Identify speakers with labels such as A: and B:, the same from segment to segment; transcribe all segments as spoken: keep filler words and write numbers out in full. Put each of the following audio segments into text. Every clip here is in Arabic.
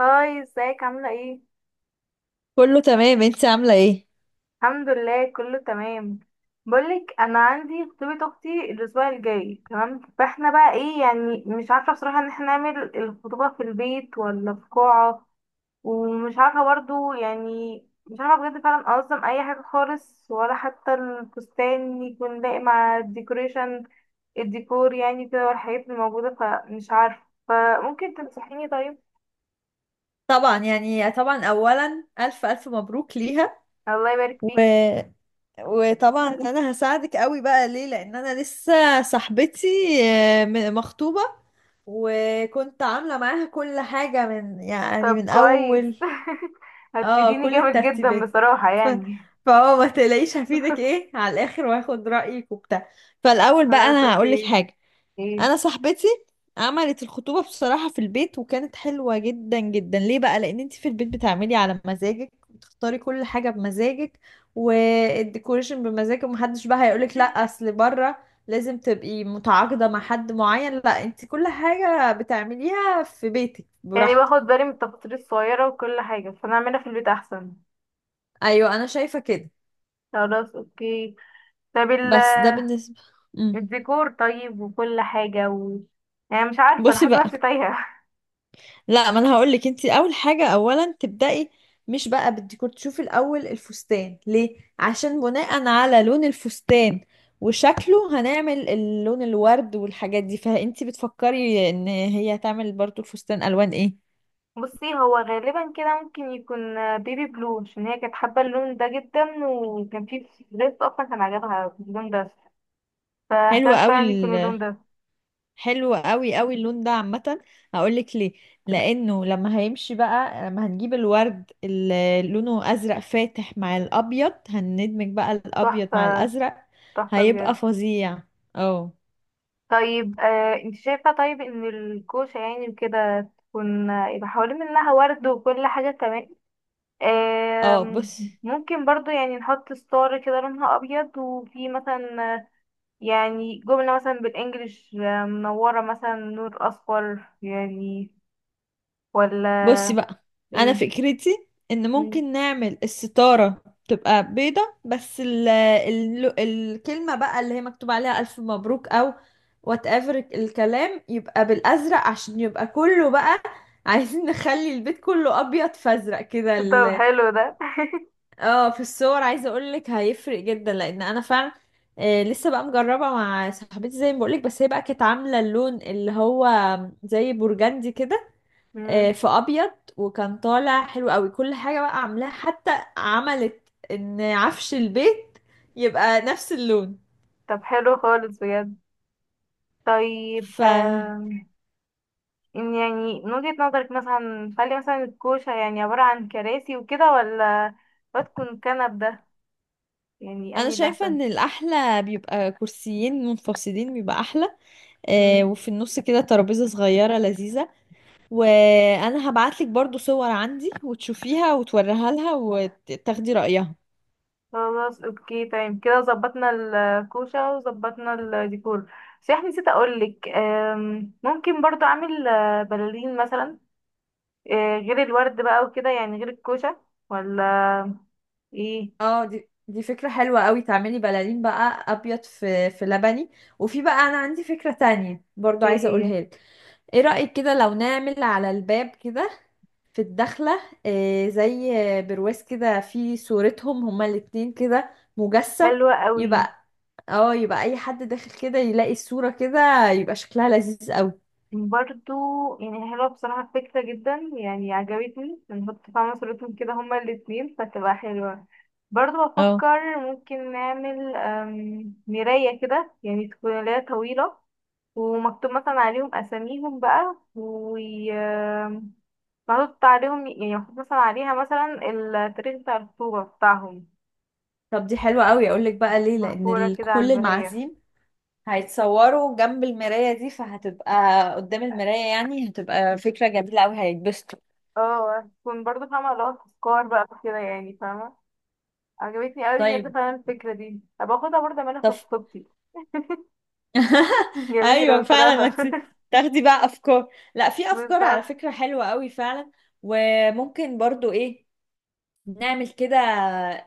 A: هاي، ازيك؟ عاملة ايه؟
B: كله تمام، انت عاملة ايه؟
A: الحمد لله، كله تمام. بقولك انا عندي خطوبة اختي الاسبوع الجاي تمام، فاحنا بقى ايه؟ يعني مش عارفة بصراحة ان احنا نعمل الخطوبة في البيت ولا في قاعة. ومش عارفة برضو يعني. مش عارفة بجد فعلا انظم اي حاجة خالص، ولا حتى الفستان يكون لاقي مع الديكوريشن الديكور يعني كده، والحاجات الموجودة فمش عارفة. فممكن تنصحيني؟ طيب.
B: طبعا يعني طبعا، اولا الف الف مبروك ليها.
A: الله يبارك
B: و...
A: فيكي.
B: وطبعا انا هساعدك قوي بقى، ليه؟ لان انا لسه صاحبتي آه، م- مخطوبة، وكنت عاملة معاها كل حاجة من يعني
A: طب
B: من
A: كويس.
B: اول، اه،
A: هتفيديني
B: كل
A: جامد جدا
B: الترتيبات.
A: بصراحة
B: ف...
A: يعني.
B: فهو ما تقلقيش، هفيدك ايه على الاخر واخد رأيك وبتاع. فالاول بقى
A: خلاص،
B: انا هقولك
A: اوكي.
B: حاجة. انا
A: ايه.
B: صاحبتي عملت الخطوبة بصراحة في البيت، وكانت حلوة جدا جدا. ليه بقى؟ لان انت في البيت بتعملي على مزاجك، وتختاري كل حاجة بمزاجك، والديكوريشن بمزاجك. ومحدش بقى هيقولك لا، اصل بره لازم تبقي متعاقدة مع حد معين. لا، انت كل حاجة بتعمليها في بيتك
A: يعني
B: براحتك.
A: باخد بالي من التفاصيل الصغيرة وكل حاجة، فانا اعملها في البيت احسن.
B: ايوه، انا شايفة كده.
A: خلاص، اوكي. طب ال-
B: بس ده بالنسبة. مم.
A: الديكور طيب وكل حاجة و... يعني مش عارفة، انا
B: بصي
A: حاسة
B: بقى،
A: نفسي تايهة.
B: لا ما انا هقول لك. انت اول حاجه اولا تبداي، مش بقى بالديكور، تشوفي الاول الفستان. ليه؟ عشان بناء على لون الفستان وشكله هنعمل اللون، الورد والحاجات دي. فانت بتفكري ان هي هتعمل برضو الفستان الوان ايه؟
A: بصي، هو غالبا كده ممكن يكون آه، بيبي بلو، عشان هي كانت حابة اللون ده جدا، وكان في دريس اصلا كان عجبها اللون ده.
B: حلوه
A: فاحتمال
B: قوي،
A: فعلا يكون اللون ده.
B: حلو قوي قوي اللون ده عامة. هقولك ليه. لأنه لما هيمشي بقى، لما هنجيب الورد اللي لونه أزرق فاتح مع الأبيض، هندمج بقى الأبيض مع
A: تحفة.
B: الأزرق،
A: تحفة
B: هيبقى
A: بجد.
B: فظيع. اه.
A: طيب، آه انت شايفة؟ طيب، ان الكوشة يعني وكده تكون آه، يبقى حوالين منها ورد وكل حاجة تمام.
B: اه،
A: آم،
B: بص.
A: ممكن برضو يعني نحط ستار كده لونها ابيض، وفي مثلا آه، يعني جملة مثلا بالانجلش آه، منورة مثلا نور اصفر يعني، ولا
B: بصي بقى، انا
A: ايه؟
B: فكرتي ان
A: مم.
B: ممكن نعمل الستارة تبقى بيضة، بس ال ال الكلمة بقى اللي هي مكتوب عليها الف مبروك، او وات ايفر الكلام يبقى بالازرق، عشان يبقى كله بقى عايزين نخلي البيت كله ابيض فازرق كده
A: طب
B: ال-
A: حلو ده.
B: اه، في الصور عايزه اقول لك هيفرق جدا، لان انا فعلا آه لسه بقى مجربه مع صاحبتي زي ما بقولك، بس هي بقى كانت عامله اللون اللي هو زي برجندي كده، آه،
A: مم.
B: في ابيض، وكان طالع حلو قوي. كل حاجه بقى عاملاها، حتى عملت ان عفش البيت يبقى نفس اللون.
A: طب حلو خالص بجد. طيب،
B: فانا
A: إن يعني من وجهة نظرك، مثلا خلي مثلا الكوشة يعني عبارة عن كراسي وكده، ولا بتكون كنب ده؟ يعني أنهي اللي
B: شايفه
A: أحسن؟
B: ان الاحلى بيبقى كرسيين منفصلين، بيبقى احلى، آه،
A: مم.
B: وفي النص كده ترابيزه صغيره لذيذه. وانا هبعتلك برضو صور عندي، وتشوفيها وتوريها لها وتاخدي رايها.
A: خلاص، اوكي تمام، كده ظبطنا الكوشة وظبطنا الديكور. بس احنا نسيت اقولك، أم، ممكن برضو اعمل آه، بلالين مثلا، آه، غير الورد بقى وكده، يعني غير الكوشة، ولا ايه؟
B: اه، دي دي فكرة حلوة قوي، تعملي بلالين بقى، ابيض في في لبني. وفي بقى انا عندي فكرة تانية برضو
A: ايه
B: عايزة
A: هي؟
B: اقولها لك. ايه رأيك كده لو نعمل على الباب كده في الدخلة آه، زي برواز كده في صورتهم هما الاتنين كده، مجسم.
A: حلوة قوي.
B: يبقى اه، يبقى اي حد داخل كده يلاقي الصورة كده، يبقى شكلها لذيذ قوي.
A: برضو، يعني حلوة بصراحة الفكرة جدا، يعني عجبتني نحط فيها صورتهم كده هما الاتنين، فتبقى حلوة. برضو
B: اه.
A: بفكر ممكن نعمل أم، مراية كده، يعني تكون اللي هي طويلة، ومكتوب مثلا عليهم أساميهم بقى، و أم، محطوط عليهم، يعني محطوط مثلا عليها مثلا التاريخ بتاع الخطوبة بتاعهم،
B: طب دي حلوة قوي، اقول لك بقى ليه. لان
A: محفورة
B: ال-
A: كده على
B: كل
A: المراية.
B: المعازيم هيتصوروا جنب المراية دي، فهتبقى قدام المراية، يعني هتبقى فكرة جميلة أوي، هيتبسطوا.
A: اه، تكون برضو فاهمة اللي هو تذكار بقى كده، يعني فاهمة. عجبتني قوي
B: طيب.
A: بجد فعلا الفكرة دي، هبقى اخدها برضه اعملها في
B: طب.
A: خطوبتي. جميلة
B: أيوة، فعلا ما
A: بصراحة.
B: انت تاخدي بقى أفكار. لا، في أفكار على
A: بالظبط.
B: فكرة حلوة أوي فعلا. وممكن برضو إيه، نعمل كده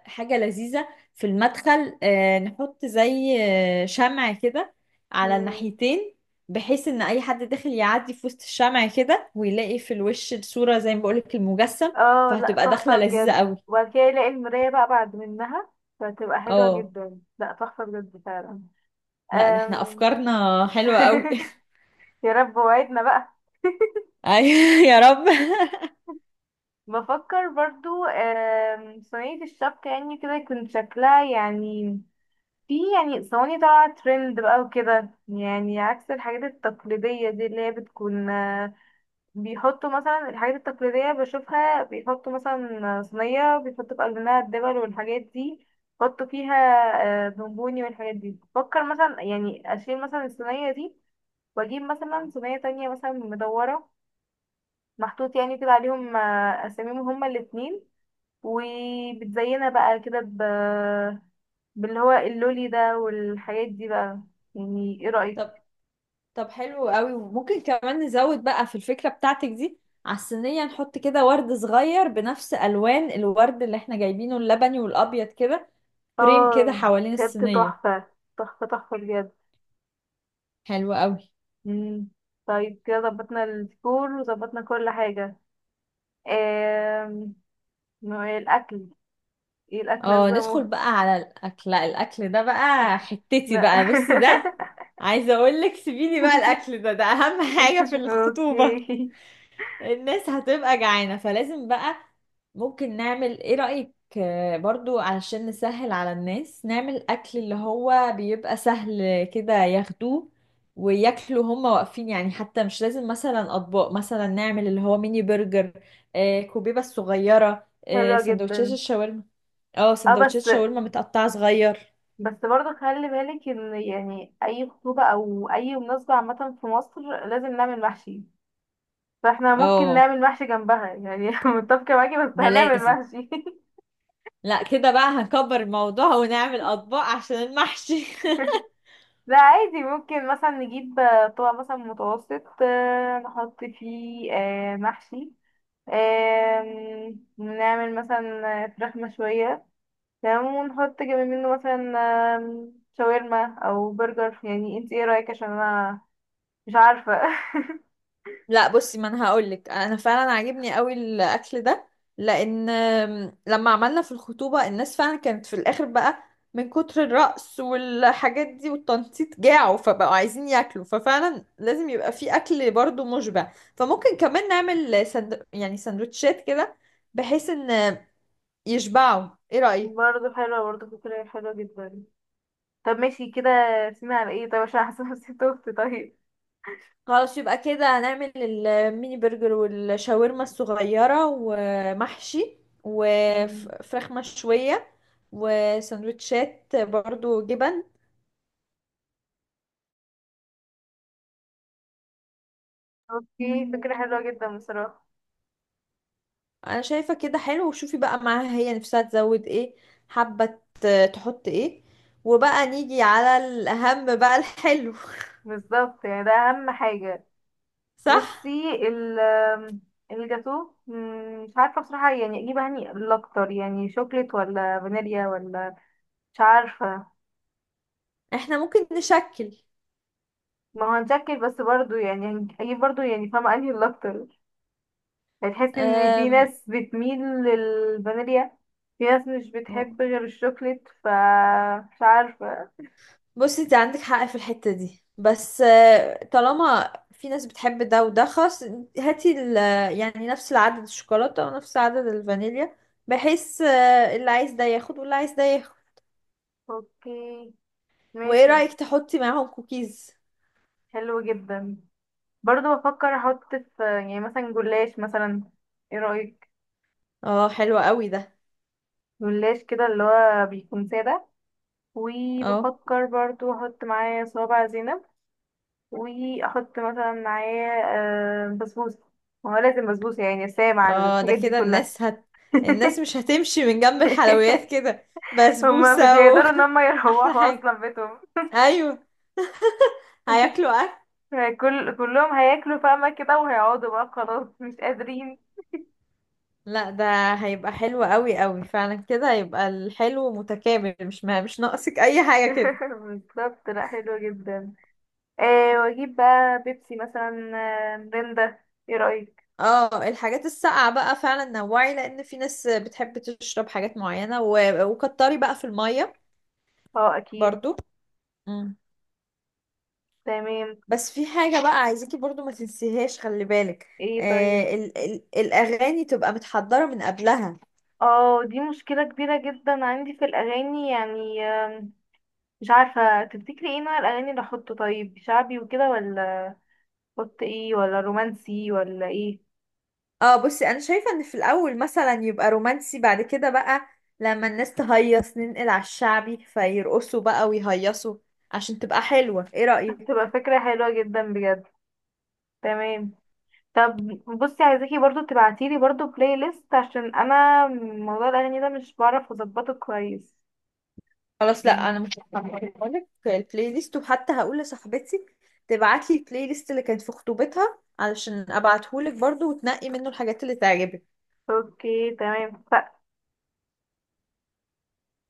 B: حاجة لذيذة في المدخل، آه، نحط زي آه، شمع كده على
A: مم.
B: الناحيتين، بحيث ان اي حد داخل يعدي في وسط الشمع كده، ويلاقي في الوش الصورة زي ما بقولك المجسم.
A: اه لا،
B: فهتبقى دخلة
A: تحفة
B: لذيذة
A: بجد.
B: قوي.
A: وبعد كده يلاقي المراية بقى بعد منها، فتبقى حلوة
B: اه،
A: جدا، لا تحفة بجد فعلا.
B: لا، ده احنا
A: أم...
B: افكارنا حلوة قوي.
A: يا رب، وعدنا بقى.
B: ايوه يا رب.
A: بفكر برضو أم... صينية الشبكة، يعني كده يكون شكلها، يعني في يعني صواني طالعة ترند بقى وكده، يعني عكس الحاجات التقليدية دي، اللي هي بتكون آه، بيحطوا مثلا الحاجات التقليدية بشوفها، بيحطوا مثلا صينية، بيحطوا في قلب منها الدبل والحاجات دي، بيحطوا فيها آه، بونبوني والحاجات دي. بفكر مثلا يعني أشيل مثلا الصينية دي، وأجيب مثلا صينية تانية مثلا مدورة، محطوط يعني كده عليهم آه، أساميهم هما الاتنين، وبتزينها بقى كده ب... باللي هو اللولي ده والحاجات دي بقى. يعني ايه
B: طب،
A: رأيك؟
B: طب حلو قوي. وممكن كمان نزود بقى في الفكرة بتاعتك دي، على الصينية نحط كده ورد صغير بنفس ألوان الورد اللي احنا جايبينه، اللبني والأبيض كده، فريم كده
A: اه
B: حوالين
A: بجد،
B: الصينية.
A: تحفة. تحفة تحفة بجد.
B: حلو قوي.
A: مم. طيب كده ظبطنا السكور وظبطنا كل حاجة. آم، نوع الأكل، ايه الأكل
B: اه، ندخل
A: نظامه؟
B: بقى على الأكل. لا الأكل ده بقى حتتي
A: لا.
B: بقى، بصي ده عايزة اقول لك، سيبيلي بقى الأكل ده، ده أهم حاجة في الخطوبة.
A: اوكي.
B: الناس هتبقى جعانة، فلازم بقى ممكن نعمل، ايه رأيك آه، برضو، علشان نسهل على الناس نعمل اكل اللي هو بيبقى سهل كده ياخدوه وياكلوا هما واقفين، يعني حتى مش لازم مثلا اطباق. مثلا نعمل اللي هو ميني برجر، آه، كوبيبة الصغيرة، آه،
A: حلوة
B: سندوتشات
A: جدا.
B: الشاورما. اه،
A: اه
B: سندوتشات
A: بس
B: شاورما متقطعة صغير.
A: بس برضه خلي بالك ان يعني اي خطوبة او اي مناسبة عامة في مصر لازم نعمل محشي. فاحنا ممكن
B: اه،
A: نعمل محشي جنبها، يعني متفقة معاكي، بس
B: ده
A: هنعمل
B: لازم.
A: محشي.
B: لا كده بقى هنكبر الموضوع ونعمل اطباق عشان المحشي.
A: لا عادي، ممكن مثلا نجيب آه، طبق مثلا متوسط، آه، نحط فيه آه، محشي، آم، نعمل مثلا آه، فراخ مشوية، تمام، ونحط جنب منه مثلا آم، شاورما أو برجر. يعني انت ايه رأيك؟ عشان انا مش عارفة.
B: لا، بصي، ما انا هقولك، انا فعلا عاجبني قوي الاكل ده. لان آم، لما عملنا في الخطوبه الناس فعلا كانت في الاخر بقى من كتر الرقص والحاجات دي والتنطيط جاعوا، فبقوا عايزين ياكلوا. ففعلا لازم يبقى في اكل برضو مشبع. فممكن كمان نعمل سند... يعني سندوتشات كده بحيث ان يشبعوا، ايه رايك؟
A: برضه حلوة، برضه فكرة حلوة جدا. طب ماشي كده، رسينا على ايه؟ طب عشان احسن نسيت اختي. طيب.
B: خلاص، يبقى كده هنعمل الميني برجر والشاورما الصغيرة ومحشي
A: مم.
B: وفراخ مشوية وسندوتشات برضو جبن.
A: اوكي، فكرة حلوة جدا بصراحة.
B: انا شايفة كده حلو. وشوفي بقى معاها هي نفسها تزود ايه، حابة ت- تحط ايه. وبقى نيجي على الأهم بقى، الحلو.
A: بالظبط، يعني ده أهم حاجة. بصي
B: صح.
A: ال الجاتو، مم، مش عارفة بصراحة يعني اجيب هني الاكتر، يعني شوكليت ولا فانيليا، ولا مش عارفة.
B: احنا ممكن نشكل.
A: ما هو هنشكل، بس برضو يعني هن- اجيب برضو، يعني فاهمة انهي الاكتر؟ هتحسي ان في
B: أم...
A: ناس بتميل للفانيليا، في ناس مش بتحب غير الشوكليت، ف مش عارفة.
B: بصي، انت عندك حق في الحتة دي، بس آه، طالما في ناس بتحب ده وده، خلاص، هاتي ال- يعني نفس العدد الشوكولاتة ونفس عدد الفانيليا، بحيث آه، اللي عايز ده ياخد واللي عايز ده ياخد.
A: اوكي
B: وايه
A: ماشي.
B: رأيك تحطي معاهم كوكيز؟
A: حلو جدا. برضو بفكر احط في يعني مثلا جلاش مثلا، ايه رأيك؟
B: اه حلو قوي ده.
A: جلاش كده اللي هو بيكون سادة.
B: اه،
A: وبفكر برضو احط معايا صوابع زينب، واحط مثلا معايا آه، بسبوسة. ما هو لازم بسبوسة، يعني سامع
B: اه، ده
A: الحاجات دي
B: كده
A: كلها.
B: الناس هت الناس مش هتمشي من جنب الحلويات كده،
A: هما مش
B: بسبوسة و...
A: هيقدروا ان هما
B: احلى
A: يروحوا
B: حاجة.
A: اصلا بيتهم.
B: ايوه. هياكلوا.
A: كل كلهم هياكلوا فاهمة كده، وهيقعدوا بقى خلاص مش قادرين.
B: لا، ده هيبقى حلو قوي قوي فعلا. كده هيبقى الحلو متكامل، مش ما مش ناقصك اي حاجة كده.
A: بالظبط، لا حلوة جدا. آه، واجيب بقى بيبسي مثلا، آه، مريندا. ايه رأيك؟
B: اه، الحاجات الساقعة بقى فعلا نوعي، لان في ناس بتحب تشرب حاجات معينة و... وكتري بقى في المية
A: اه اكيد.
B: برضو. مم.
A: تمام.
B: بس في حاجة بقى عايزاكي برضو ما تنسيهاش، خلي بالك،
A: ايه طيب.
B: آه ال... ال... الاغاني تبقى متحضرة من قبلها.
A: اه دي مشكلة كبيرة جدا عندي في الأغاني، يعني آم، مش عارفة تفتكري ايه نوع الأغاني اللي أحطه؟ طيب شعبي وكده، ولا أحط ايه؟ ولا رومانسي، ولا ايه؟
B: اه، بصي، انا شايفه ان في الاول مثلا يبقى رومانسي، بعد كده بقى لما الناس تهيص ننقل على الشعبي، فيرقصوا بقى ويهيصوا، عشان تبقى حلوه، ايه
A: هتبقى
B: رايك؟
A: فكرة حلوة جدا بجد. تمام. طب بصي، عايزاكي برضو تبعتيلي برضو بلاي ليست، عشان أنا موضوع الأغاني ده مش بعرف أظبطه كويس.
B: خلاص، لا، انا مش
A: مم.
B: هقولك البلاي ليست، وحتى هقول لصاحبتي تبعت لي البلاي ليست اللي كانت في خطوبتها علشان ابعتهولك برضو، وتنقي منه الحاجات اللي تعجبك.
A: اوكي تمام ف-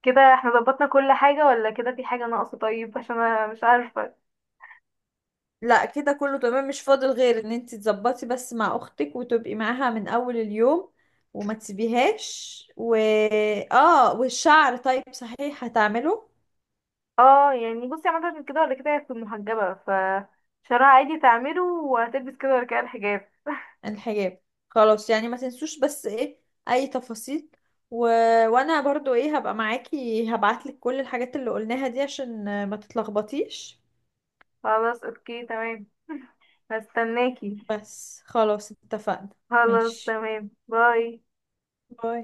A: كده احنا ظبطنا كل حاجة، ولا كده في حاجة ناقصة؟ طيب عشان أنا مش عارفة.
B: لا كده كله تمام، مش فاضل غير ان انت تظبطي بس مع اختك، وتبقي معاها من اول اليوم، وما تسيبيهاش. و اه، والشعر طيب صحيح هتعمله.
A: اه يعني بصي، عملت كده ولا كده؟ هتكون محجبة، ف شعرها عادي تعمله، وهتلبس كده ولا كده الحجاب؟
B: الحجاب. خلاص، يعني ما تنسوش بس ايه، اي تفاصيل. و... وانا برضو ايه، هبقى معاكي، هبعتلك كل الحاجات اللي قلناها دي عشان ما تتلخبطيش.
A: خلاص اوكي تمام. هستناكي.
B: بس خلاص، اتفقنا.
A: خلاص
B: ماشي،
A: تمام، باي.
B: باي.